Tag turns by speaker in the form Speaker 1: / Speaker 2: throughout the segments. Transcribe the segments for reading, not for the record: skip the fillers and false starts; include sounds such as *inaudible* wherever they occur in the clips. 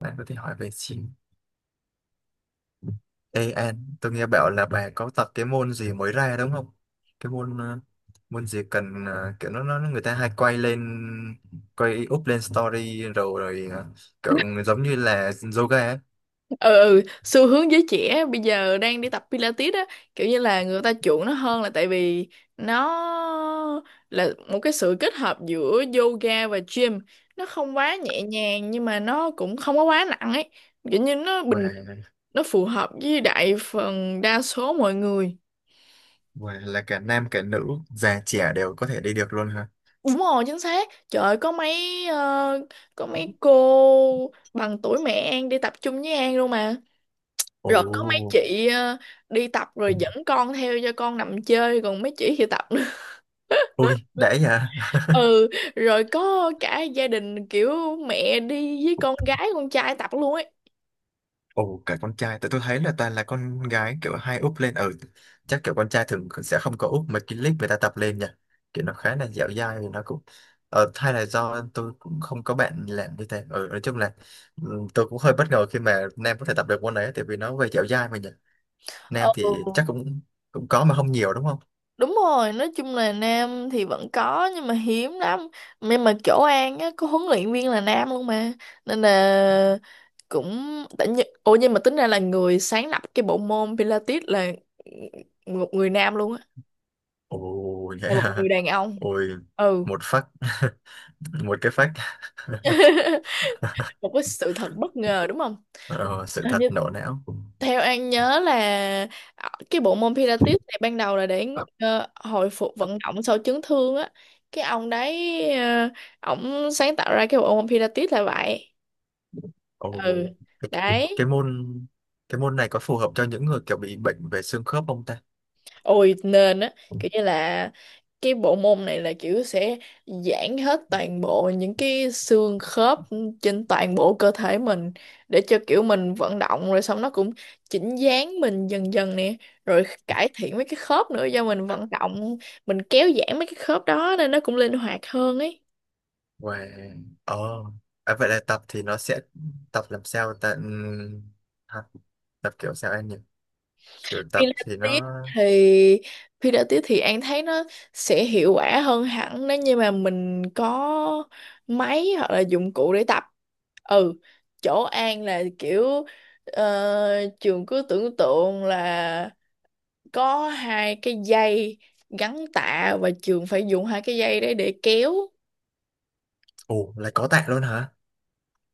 Speaker 1: Bạn có thể hỏi về chim AN. Tôi nghe bảo là bà có tập cái môn gì mới ra đúng không? Cái môn môn gì cần kiểu nó người ta hay quay up lên story rồi rồi ờ, kiểu giống như là yoga ấy.
Speaker 2: Ừ, ừ, xu hướng giới trẻ bây giờ đang đi tập Pilates á, kiểu như là người ta chuộng nó hơn là tại vì nó là một cái sự kết hợp giữa yoga và gym. Nó không quá nhẹ nhàng nhưng mà nó cũng không có quá nặng ấy. Kiểu như nó
Speaker 1: Và
Speaker 2: bình Nó phù hợp với đại phần đa số mọi người.
Speaker 1: và là cả nam cả nữ, già trẻ đều có thể đi được luôn hả?
Speaker 2: Đúng rồi, chính xác. Trời ơi, có mấy cô bằng tuổi mẹ An đi tập chung với An luôn mà.
Speaker 1: Ồ,
Speaker 2: Rồi có mấy chị đi tập rồi dẫn con theo cho con nằm chơi, còn mấy chị thì tập nữa.
Speaker 1: ui đấy nhỉ?
Speaker 2: *laughs* Ừ. Rồi có cả gia đình kiểu mẹ đi với con gái con trai tập luôn ấy.
Speaker 1: Ồ, cả con trai, tại tôi thấy là toàn là con gái kiểu hay úp lên, ừ, chắc kiểu con trai thường sẽ không có úp mấy cái clip người ta tập lên nha, kiểu nó khá là dẻo dai, thì nó cũng, ờ, hay là do tôi cũng không có bạn làm như thế, ừ, nói chung là ừ, tôi cũng hơi bất ngờ khi mà nam có thể tập được môn đấy, tại vì nó về dẻo dai mà nhỉ, nam thì
Speaker 2: Ừ,
Speaker 1: chắc cũng cũng có mà không nhiều đúng không?
Speaker 2: đúng rồi, nói chung là nam thì vẫn có nhưng mà hiếm lắm. Nhưng mà chỗ An á có huấn luyện viên là nam luôn mà, nên là cũng. Ủa, nhưng mà tính ra là người sáng lập cái bộ môn Pilates là một người nam luôn á,
Speaker 1: Ồ,
Speaker 2: là một
Speaker 1: yeah.
Speaker 2: người đàn
Speaker 1: *laughs*
Speaker 2: ông.
Speaker 1: Ôi,
Speaker 2: Ừ,
Speaker 1: một phát, *laughs* một cái phát, *laughs*
Speaker 2: một cái sự thật bất ngờ đúng không?
Speaker 1: ờ, sự
Speaker 2: Hình
Speaker 1: thật
Speaker 2: như
Speaker 1: nổ não.
Speaker 2: theo An nhớ là, cái bộ môn Pilates này ban đầu là để, hồi phục vận động sau chấn thương á. Cái ông đấy, ổng sáng tạo ra cái bộ môn Pilates là vậy.
Speaker 1: Ồ,
Speaker 2: Ừ.
Speaker 1: cái,
Speaker 2: Đấy.
Speaker 1: cái môn cái môn này có phù hợp cho những người kiểu bị bệnh về xương khớp không ta?
Speaker 2: Ôi nên á, kiểu như là cái bộ môn này là kiểu sẽ giãn hết toàn bộ những cái xương khớp trên toàn bộ cơ thể mình, để cho kiểu mình vận động rồi xong nó cũng chỉnh dáng mình dần dần nè, rồi cải thiện mấy cái khớp nữa. Do mình vận động, mình kéo giãn mấy cái khớp đó nên nó cũng linh hoạt hơn ấy.
Speaker 1: Và ờ à, vậy là tập thì nó sẽ tập làm sao ta? Hả? Tập kiểu sao anh nhỉ? Kiểu
Speaker 2: khi
Speaker 1: tập
Speaker 2: lên
Speaker 1: thì
Speaker 2: tiếp
Speaker 1: nó…
Speaker 2: thì Khi đã tiếp thì An thấy nó sẽ hiệu quả hơn hẳn nếu như mà mình có máy hoặc là dụng cụ để tập. Ừ, chỗ An là kiểu, trường cứ tưởng tượng là có hai cái dây gắn tạ và trường phải dùng hai cái dây đấy để kéo.
Speaker 1: Ồ, lại có tạ luôn hả?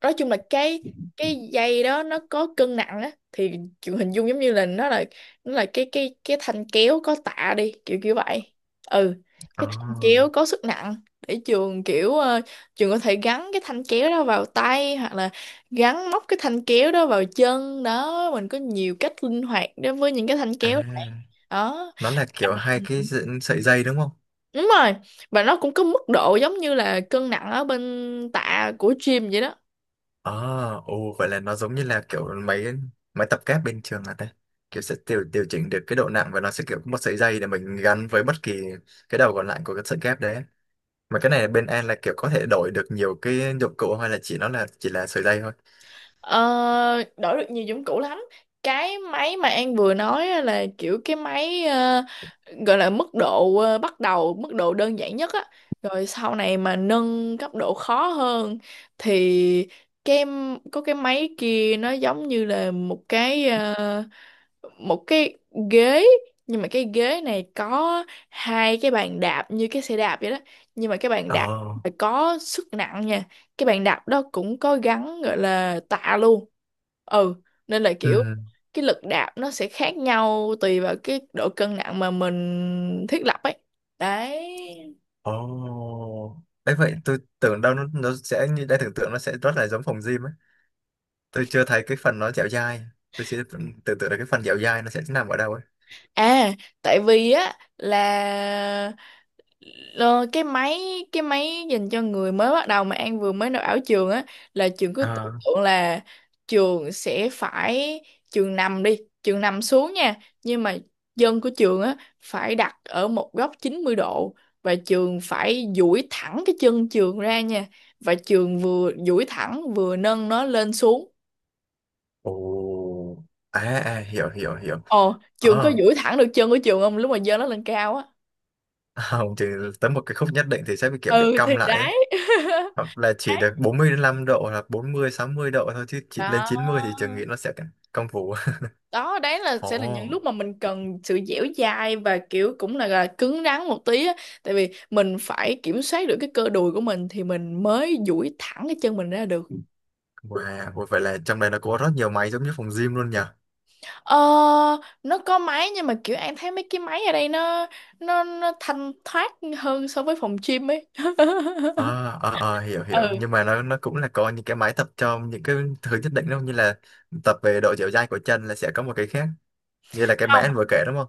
Speaker 2: Nói chung là cái dây đó nó có cân nặng á, thì kiểu hình dung giống như là nó là cái thanh kéo có tạ đi, kiểu kiểu vậy. Ừ,
Speaker 1: Ờ,
Speaker 2: cái thanh kéo có sức nặng để trường kiểu, trường có thể gắn cái thanh kéo đó vào tay hoặc là gắn móc cái thanh kéo đó vào chân đó. Mình có nhiều cách linh hoạt đối với những cái thanh kéo này.
Speaker 1: à,
Speaker 2: Đó.
Speaker 1: nó là kiểu hai
Speaker 2: Ừ.
Speaker 1: cái sợi dây đúng không?
Speaker 2: Đúng rồi, và nó cũng có mức độ giống như là cân nặng ở bên tạ của gym vậy đó.
Speaker 1: Ờ, ồ vậy là nó giống như là kiểu máy, máy tập kép bên trường à ta? Kiểu sẽ điều điều chỉnh được cái độ nặng và nó sẽ kiểu có một sợi dây để mình gắn với bất kỳ cái đầu còn lại của cái sợi kép đấy, mà cái này bên An là kiểu có thể đổi được nhiều cái dụng cụ hay là chỉ là sợi dây thôi?
Speaker 2: Ờ, đổi được nhiều dụng cụ lắm. Cái máy mà An vừa nói á là kiểu cái máy, gọi là mức độ, bắt đầu, mức độ đơn giản nhất á. Rồi sau này mà nâng cấp độ khó hơn thì cái có cái máy kia, nó giống như là một cái, một cái ghế. Nhưng mà cái ghế này có hai cái bàn đạp như cái xe đạp vậy đó, nhưng mà cái bàn đạp
Speaker 1: Ồ.
Speaker 2: phải có sức nặng nha. Cái bàn đạp đó cũng có gắn, gọi là tạ luôn. Ừ, nên là kiểu
Speaker 1: Ừ.
Speaker 2: cái lực đạp nó sẽ khác nhau tùy vào cái độ cân nặng mà mình thiết lập ấy. Đấy.
Speaker 1: Ồ, đấy vậy tôi tưởng đâu nó sẽ như đã tưởng tượng, nó sẽ rất là giống phòng gym ấy, tôi chưa thấy cái phần nó dẻo dai, tôi chưa tưởng tượng được cái phần dẻo dai nó sẽ nằm ở đâu ấy.
Speaker 2: À, tại vì á là, Ờ, cái máy dành cho người mới bắt đầu mà An vừa mới nộp ảo trường á, là trường cứ tưởng
Speaker 1: À.
Speaker 2: tượng là trường sẽ phải, trường nằm đi, trường nằm xuống nha. Nhưng mà dân của trường á phải đặt ở một góc 90 độ, và trường phải duỗi thẳng cái chân trường ra nha, và trường vừa duỗi thẳng vừa nâng nó lên xuống.
Speaker 1: Ồ. À, à, hiểu hiểu hiểu.
Speaker 2: Ồ, trường có
Speaker 1: Ờ. *laughs*
Speaker 2: duỗi thẳng được chân của trường không lúc mà dơ nó lên cao á?
Speaker 1: À, không, chỉ tới một cái khúc nhất định thì sẽ bị kiểu bị
Speaker 2: Ừ thì
Speaker 1: cong lại ấy,
Speaker 2: đấy.
Speaker 1: hoặc là
Speaker 2: *laughs*
Speaker 1: chỉ được
Speaker 2: Đấy.
Speaker 1: 45 độ hoặc bốn mươi sáu mươi độ thôi, chứ chỉ lên
Speaker 2: Đó.
Speaker 1: 90 thì trường nghĩ nó sẽ cong vú.
Speaker 2: Đó, đấy
Speaker 1: *laughs*
Speaker 2: là sẽ là những
Speaker 1: Ồ,
Speaker 2: lúc mà mình cần sự dẻo dai và kiểu cũng là cứng rắn một tí á. Tại vì mình phải kiểm soát được cái cơ đùi của mình thì mình mới duỗi thẳng cái chân mình ra được.
Speaker 1: wow, ủa vậy là trong đây nó có rất nhiều máy giống như phòng gym luôn nhỉ?
Speaker 2: Ờ, nó có máy nhưng mà kiểu em thấy mấy cái máy ở đây nó thanh thoát hơn so với phòng gym ấy.
Speaker 1: À,
Speaker 2: *laughs*
Speaker 1: à, à, hiểu
Speaker 2: Ừ,
Speaker 1: hiểu, nhưng mà nó cũng là có những cái máy tập cho những cái thứ nhất định đâu, như là tập về độ dẻo dai của chân là sẽ có một cái khác, như là cái máy
Speaker 2: không,
Speaker 1: anh vừa kể đúng không?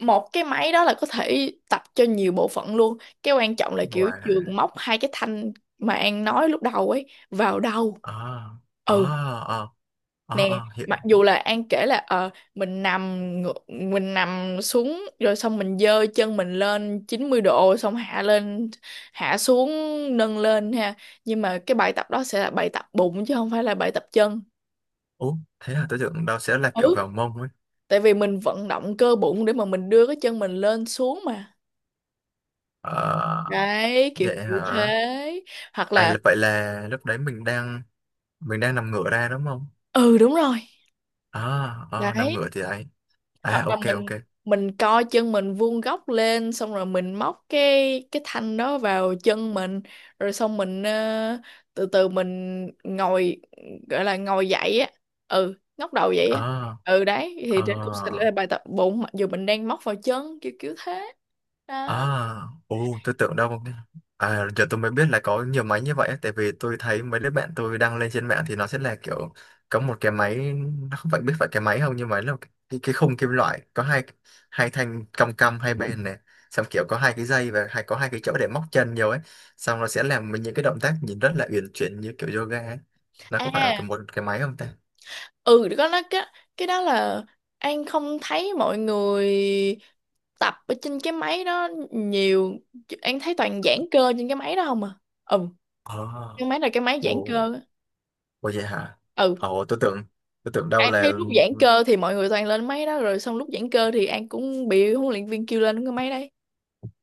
Speaker 2: một cái máy đó là có thể tập cho nhiều bộ phận luôn. Cái quan trọng là kiểu
Speaker 1: Wow.
Speaker 2: trường móc hai cái thanh mà An nói lúc đầu ấy vào đầu.
Speaker 1: À, à,
Speaker 2: Ừ,
Speaker 1: à, à,
Speaker 2: nè,
Speaker 1: à, hiểu.
Speaker 2: mặc dù là An kể là, ờ, mình nằm mình nằm xuống rồi xong mình giơ chân mình lên 90 độ, xong hạ lên, hạ xuống, nâng lên ha. Nhưng mà cái bài tập đó sẽ là bài tập bụng chứ không phải là bài tập chân.
Speaker 1: Ủa, thế là tôi tưởng đâu sẽ là kiểu
Speaker 2: Ừ,
Speaker 1: vào mông ấy.
Speaker 2: tại vì mình vận động cơ bụng để mà mình đưa cái chân mình lên xuống mà.
Speaker 1: À,
Speaker 2: Đấy, kiểu
Speaker 1: vậy
Speaker 2: kiểu
Speaker 1: hả?
Speaker 2: thế. Hoặc
Speaker 1: À,
Speaker 2: là
Speaker 1: là- vậy là lúc đấy mình đang nằm ngửa ra đúng không?
Speaker 2: Ừ, đúng rồi.
Speaker 1: À, à, nằm
Speaker 2: Đấy.
Speaker 1: ngửa thì ấy. À,
Speaker 2: Hoặc là
Speaker 1: ok ok.
Speaker 2: mình co chân mình vuông góc lên xong rồi mình móc cái thanh đó vào chân mình, rồi xong mình, từ từ mình ngồi, gọi là ngồi dậy á. Ừ, ngóc đầu dậy á.
Speaker 1: À,
Speaker 2: Ừ, đấy,
Speaker 1: à.
Speaker 2: thì đây cũng sẽ là bài tập bụng mặc dù mình đang móc vào chân, kiểu kiểu thế.
Speaker 1: À,
Speaker 2: Đó.
Speaker 1: ồ, tôi tưởng đâu. À, giờ tôi mới biết là có nhiều máy như vậy á, tại vì tôi thấy mấy đứa bạn tôi đăng lên trên mạng thì nó sẽ là kiểu có một cái máy, nó không phải biết phải cái máy không, nhưng mà nó cái khung kim loại có hai hai thanh cong cong hai bên này, xong kiểu có hai cái dây và hay có hai cái chỗ để móc chân nhiều ấy, xong nó sẽ làm mình những cái động tác nhìn rất là uyển chuyển như kiểu yoga ấy. Nó có phải là
Speaker 2: À,
Speaker 1: cái một cái máy không ta?
Speaker 2: ừ, có. Nó cái đó là, An không thấy mọi người tập ở trên cái máy đó nhiều. An thấy toàn giãn cơ trên cái máy đó không à. Ừ,
Speaker 1: Ờ,
Speaker 2: cái máy là cái máy
Speaker 1: ồ,
Speaker 2: giãn cơ.
Speaker 1: ồ vậy hả?
Speaker 2: Ừ,
Speaker 1: Ồ, tôi tưởng đâu
Speaker 2: An
Speaker 1: là…
Speaker 2: thấy lúc giãn cơ thì mọi người toàn lên máy đó, rồi xong lúc giãn cơ thì An cũng bị huấn luyện viên kêu lên cái máy đấy.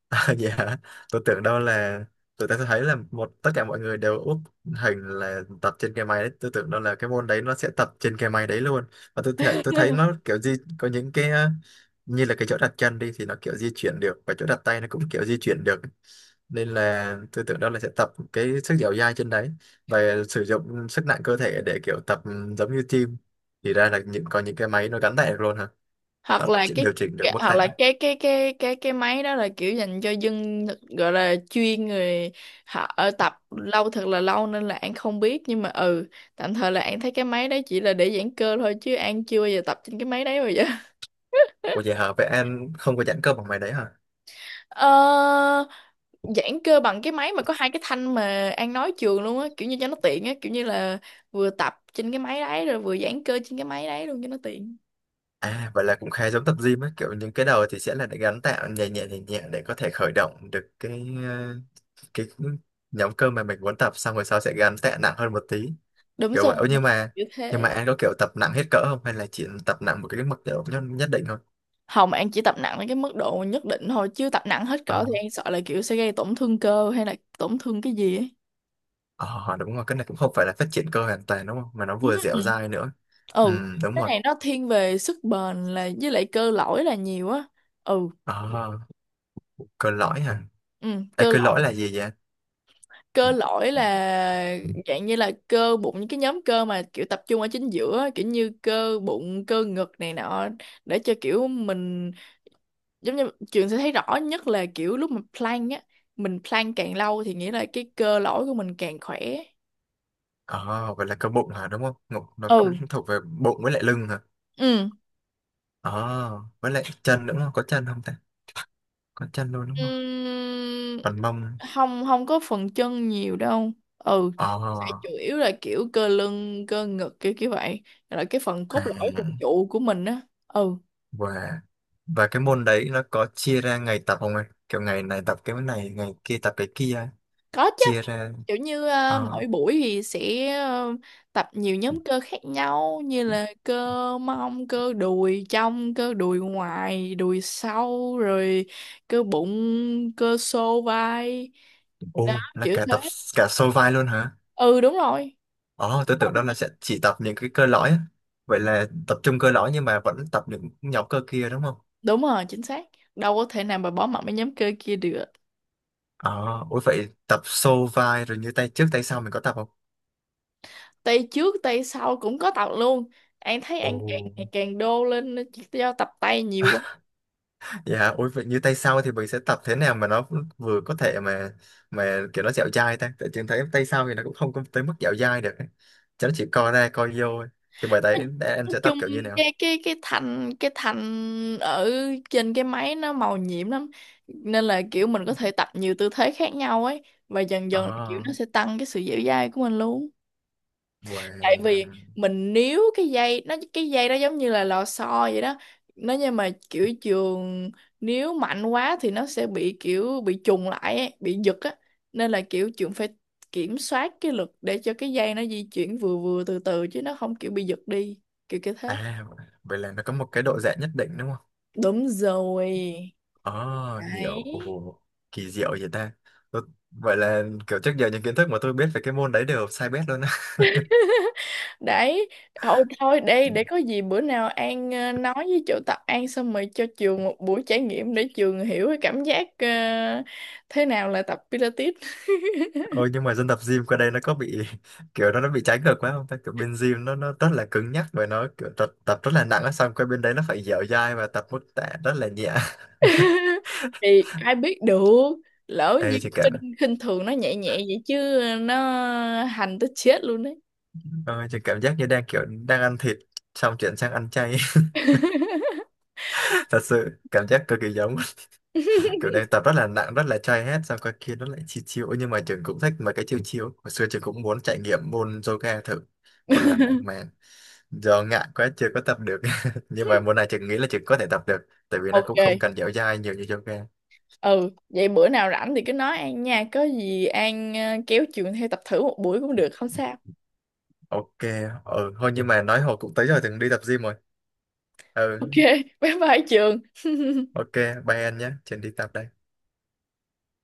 Speaker 1: *laughs* Dạ, tôi tưởng đâu là tôi ta thấy là một tất cả mọi người đều úp hình là tập trên cái máy đấy, tôi tưởng đâu là cái môn đấy nó sẽ tập trên cái máy đấy luôn, và tôi thấy nó kiểu gì có những cái như là cái chỗ đặt chân đi thì nó kiểu di chuyển được, và chỗ đặt tay nó cũng kiểu di chuyển được, nên là tôi tưởng đâu là sẽ tập cái sức dẻo dai trên đấy và sử dụng sức nặng cơ thể để kiểu tập, giống như gym. Thì ra là những có những cái máy nó gắn tạ được luôn hả?
Speaker 2: Hoặc
Speaker 1: Nó
Speaker 2: là
Speaker 1: chỉ- điều chỉnh được
Speaker 2: cái
Speaker 1: mức
Speaker 2: hoặc
Speaker 1: tạ.
Speaker 2: là cái máy đó là kiểu dành cho dân, gọi là chuyên, người họ ở tập lâu thật là lâu nên là An không biết. Nhưng mà, ừ, tạm thời là An thấy cái máy đấy chỉ là để giãn cơ thôi, chứ An chưa bao giờ tập trên cái máy đấy bao giờ.
Speaker 1: Ủa vậy hả, vậy em không có giãn cơ bằng máy đấy hả?
Speaker 2: *laughs* Ờ, giãn cơ bằng cái máy mà có hai cái thanh mà An nói trường luôn á, kiểu như cho nó tiện á, kiểu như là vừa tập trên cái máy đấy rồi vừa giãn cơ trên cái máy đấy luôn cho nó tiện.
Speaker 1: À, vậy là cũng khá giống tập gym ấy, kiểu những cái đầu thì sẽ là để gắn tạo nhẹ nhẹ nhẹ nhẹ để có thể khởi động được cái ờ, cái nhóm cơ mà mình muốn tập, xong rồi sau sẽ gắn tạ nặng hơn một tí
Speaker 2: Đúng
Speaker 1: kiểu
Speaker 2: rồi,
Speaker 1: vậy. Ô, nhưng mà
Speaker 2: kiểu
Speaker 1: nhưng mà
Speaker 2: thế.
Speaker 1: anh có kiểu tập nặng hết cỡ không hay là chỉ tập nặng một cái mức độ nhất định thôi?
Speaker 2: Hồng An chỉ tập nặng đến cái mức độ nhất định thôi, chứ tập nặng hết
Speaker 1: Ờ,
Speaker 2: cỡ thì An sợ là kiểu sẽ gây tổn thương cơ hay là tổn thương cái gì ấy.
Speaker 1: ờ, đúng rồi, cái này cũng không phải là phát triển cơ hoàn toàn đúng không? Mà nó vừa
Speaker 2: ừ
Speaker 1: dẻo dai nữa. Ừ,
Speaker 2: Ừ,
Speaker 1: đúng
Speaker 2: cái
Speaker 1: rồi.
Speaker 2: này nó thiên về sức bền là với lại cơ lõi là nhiều á. Ừ.
Speaker 1: Ờ, cơ lõi hả?
Speaker 2: Ừ,
Speaker 1: Ê,
Speaker 2: cơ
Speaker 1: cơ lõi là gì vậy?
Speaker 2: cơ lõi là dạng như là cơ bụng, những cái nhóm cơ mà kiểu tập trung ở chính giữa, kiểu như cơ bụng, cơ ngực này nọ, để cho kiểu mình, giống như trường sẽ thấy rõ nhất là kiểu lúc mà plank á, mình plank càng lâu thì nghĩa là cái cơ lõi của mình càng khỏe.
Speaker 1: Ờ, vậy là cơ bụng hả đúng không? Ngục- nó
Speaker 2: Ừ.
Speaker 1: thuộc về bụng với lại lưng hả?
Speaker 2: Ừ.
Speaker 1: Ờ, với lại chân nữa không? Có chân không ta, có chân luôn đúng không,
Speaker 2: Ừm,
Speaker 1: còn mông?
Speaker 2: không, không có phần chân nhiều đâu. Ừ, sẽ chủ
Speaker 1: Ờ.
Speaker 2: yếu là kiểu cơ lưng, cơ ngực, kiểu kiểu vậy, là cái phần cốt lõi, phần
Speaker 1: À.
Speaker 2: trụ của mình á. Ừ.
Speaker 1: và và cái môn đấy nó có chia ra ngày tập không anh, kiểu ngày này tập cái này ngày kia tập cái kia,
Speaker 2: Có chứ.
Speaker 1: chia ra?
Speaker 2: Kiểu như,
Speaker 1: Ờ.
Speaker 2: mỗi buổi thì sẽ, tập nhiều nhóm cơ khác nhau như là cơ mông, cơ đùi trong, cơ đùi ngoài, đùi sau, rồi cơ bụng, cơ xô vai. Đó,
Speaker 1: Ô, là
Speaker 2: kiểu
Speaker 1: cả
Speaker 2: thế.
Speaker 1: tập cả xô vai luôn hả?
Speaker 2: Ừ, đúng rồi.
Speaker 1: Ờ, tôi tưởng đó là sẽ chỉ tập những cái cơ lõi á. Vậy là tập trung cơ lõi nhưng mà vẫn tập những nhóm cơ kia đúng không?
Speaker 2: Đúng rồi, chính xác. Đâu có thể nào mà bỏ mặc mấy nhóm cơ kia được.
Speaker 1: Ờ, ủa vậy tập xô vai rồi như tay trước tay sau mình có tập không?
Speaker 2: Tay trước, tay sau cũng có tập luôn. Anh thấy
Speaker 1: Ồ.
Speaker 2: anh càng ngày càng đô lên do tập tay nhiều.
Speaker 1: Dạ, ôi vậy như tay sau thì mình sẽ tập thế nào mà nó vừa có thể mà kiểu nó dẻo dai ta? Tại trường thấy tay sau thì nó cũng không có tới mức dẻo dai được ấy. Chứ nó chỉ co ra co vô ấy. Thì bởi đấy, em
Speaker 2: Nói
Speaker 1: sẽ tập
Speaker 2: chung
Speaker 1: kiểu như nào?
Speaker 2: cái thành, ở trên cái máy nó màu nhiệm lắm, nên là kiểu mình có thể tập nhiều tư thế khác nhau ấy, và dần
Speaker 1: Ồ,
Speaker 2: dần kiểu nó sẽ tăng cái sự dẻo dai của mình luôn. Tại vì
Speaker 1: wow.
Speaker 2: mình níu cái dây, cái dây đó giống như là lò xo vậy đó. Nó, nhưng mà kiểu trường níu mạnh quá thì nó sẽ bị kiểu bị trùng lại ấy, bị giật á, nên là kiểu trường phải kiểm soát cái lực để cho cái dây nó di chuyển vừa vừa từ từ chứ nó không kiểu bị giật đi, kiểu cái thế.
Speaker 1: À, vậy là nó có một cái độ giãn nhất định đúng không?
Speaker 2: Đúng rồi.
Speaker 1: Ồ, hiểu.
Speaker 2: Đấy.
Speaker 1: Ồ, kỳ diệu vậy ta. Tôi- vậy là kiểu trước giờ những kiến thức mà tôi biết về cái môn đấy đều sai bét luôn.
Speaker 2: Đấy. Thôi thôi, đây để có gì bữa nào An, nói với chỗ tập An xong rồi cho trường một buổi trải nghiệm để trường hiểu cái cảm giác, thế nào là tập Pilates.
Speaker 1: Ôi nhưng mà dân tập gym qua đây nó có bị *laughs* kiểu nó bị trái ngược quá không ta, kiểu bên gym nó rất là cứng nhắc và nó kiểu tập rất là nặng á, xong qua bên đấy nó phải dẻo dai và tập mức tạ rất là nhẹ. *laughs*
Speaker 2: *laughs* Thì ai biết được. Lỡ như
Speaker 1: Ê chị cảm…
Speaker 2: khinh khinh thường nó nhẹ nhẹ vậy chứ, ờ, nó hành tới chết luôn đấy.
Speaker 1: ôi, chị cảm giác như đang kiểu đang ăn thịt xong chuyển sang ăn chay, *laughs* thật sự cảm giác cực kỳ giống, *laughs* kiểu đang tập rất là nặng rất là chay hết xong qua kia nó lại chill chill. Ôi, nhưng mà trường cũng thích mà, cái chill chill hồi xưa trường cũng muốn trải nghiệm môn yoga thử
Speaker 2: *laughs*
Speaker 1: một lần mà do ngại quá chưa có tập được. *laughs* Nhưng mà mùa này chị nghĩ là chị có thể tập được, tại vì nó cũng không
Speaker 2: Ok.
Speaker 1: cần dẻo dai nhiều như yoga.
Speaker 2: Ừ, vậy bữa nào rảnh thì cứ nói An nha, có gì An, kéo trường theo tập thử một buổi cũng được, không sao.
Speaker 1: Ok. Ừ thôi nhưng mà nói hồi cũng tới rồi, từng đi tập gym rồi. Ừ.
Speaker 2: Ok. *laughs* Bye bye trường.
Speaker 1: Ok, bye anh nhé, trường đi tập đây.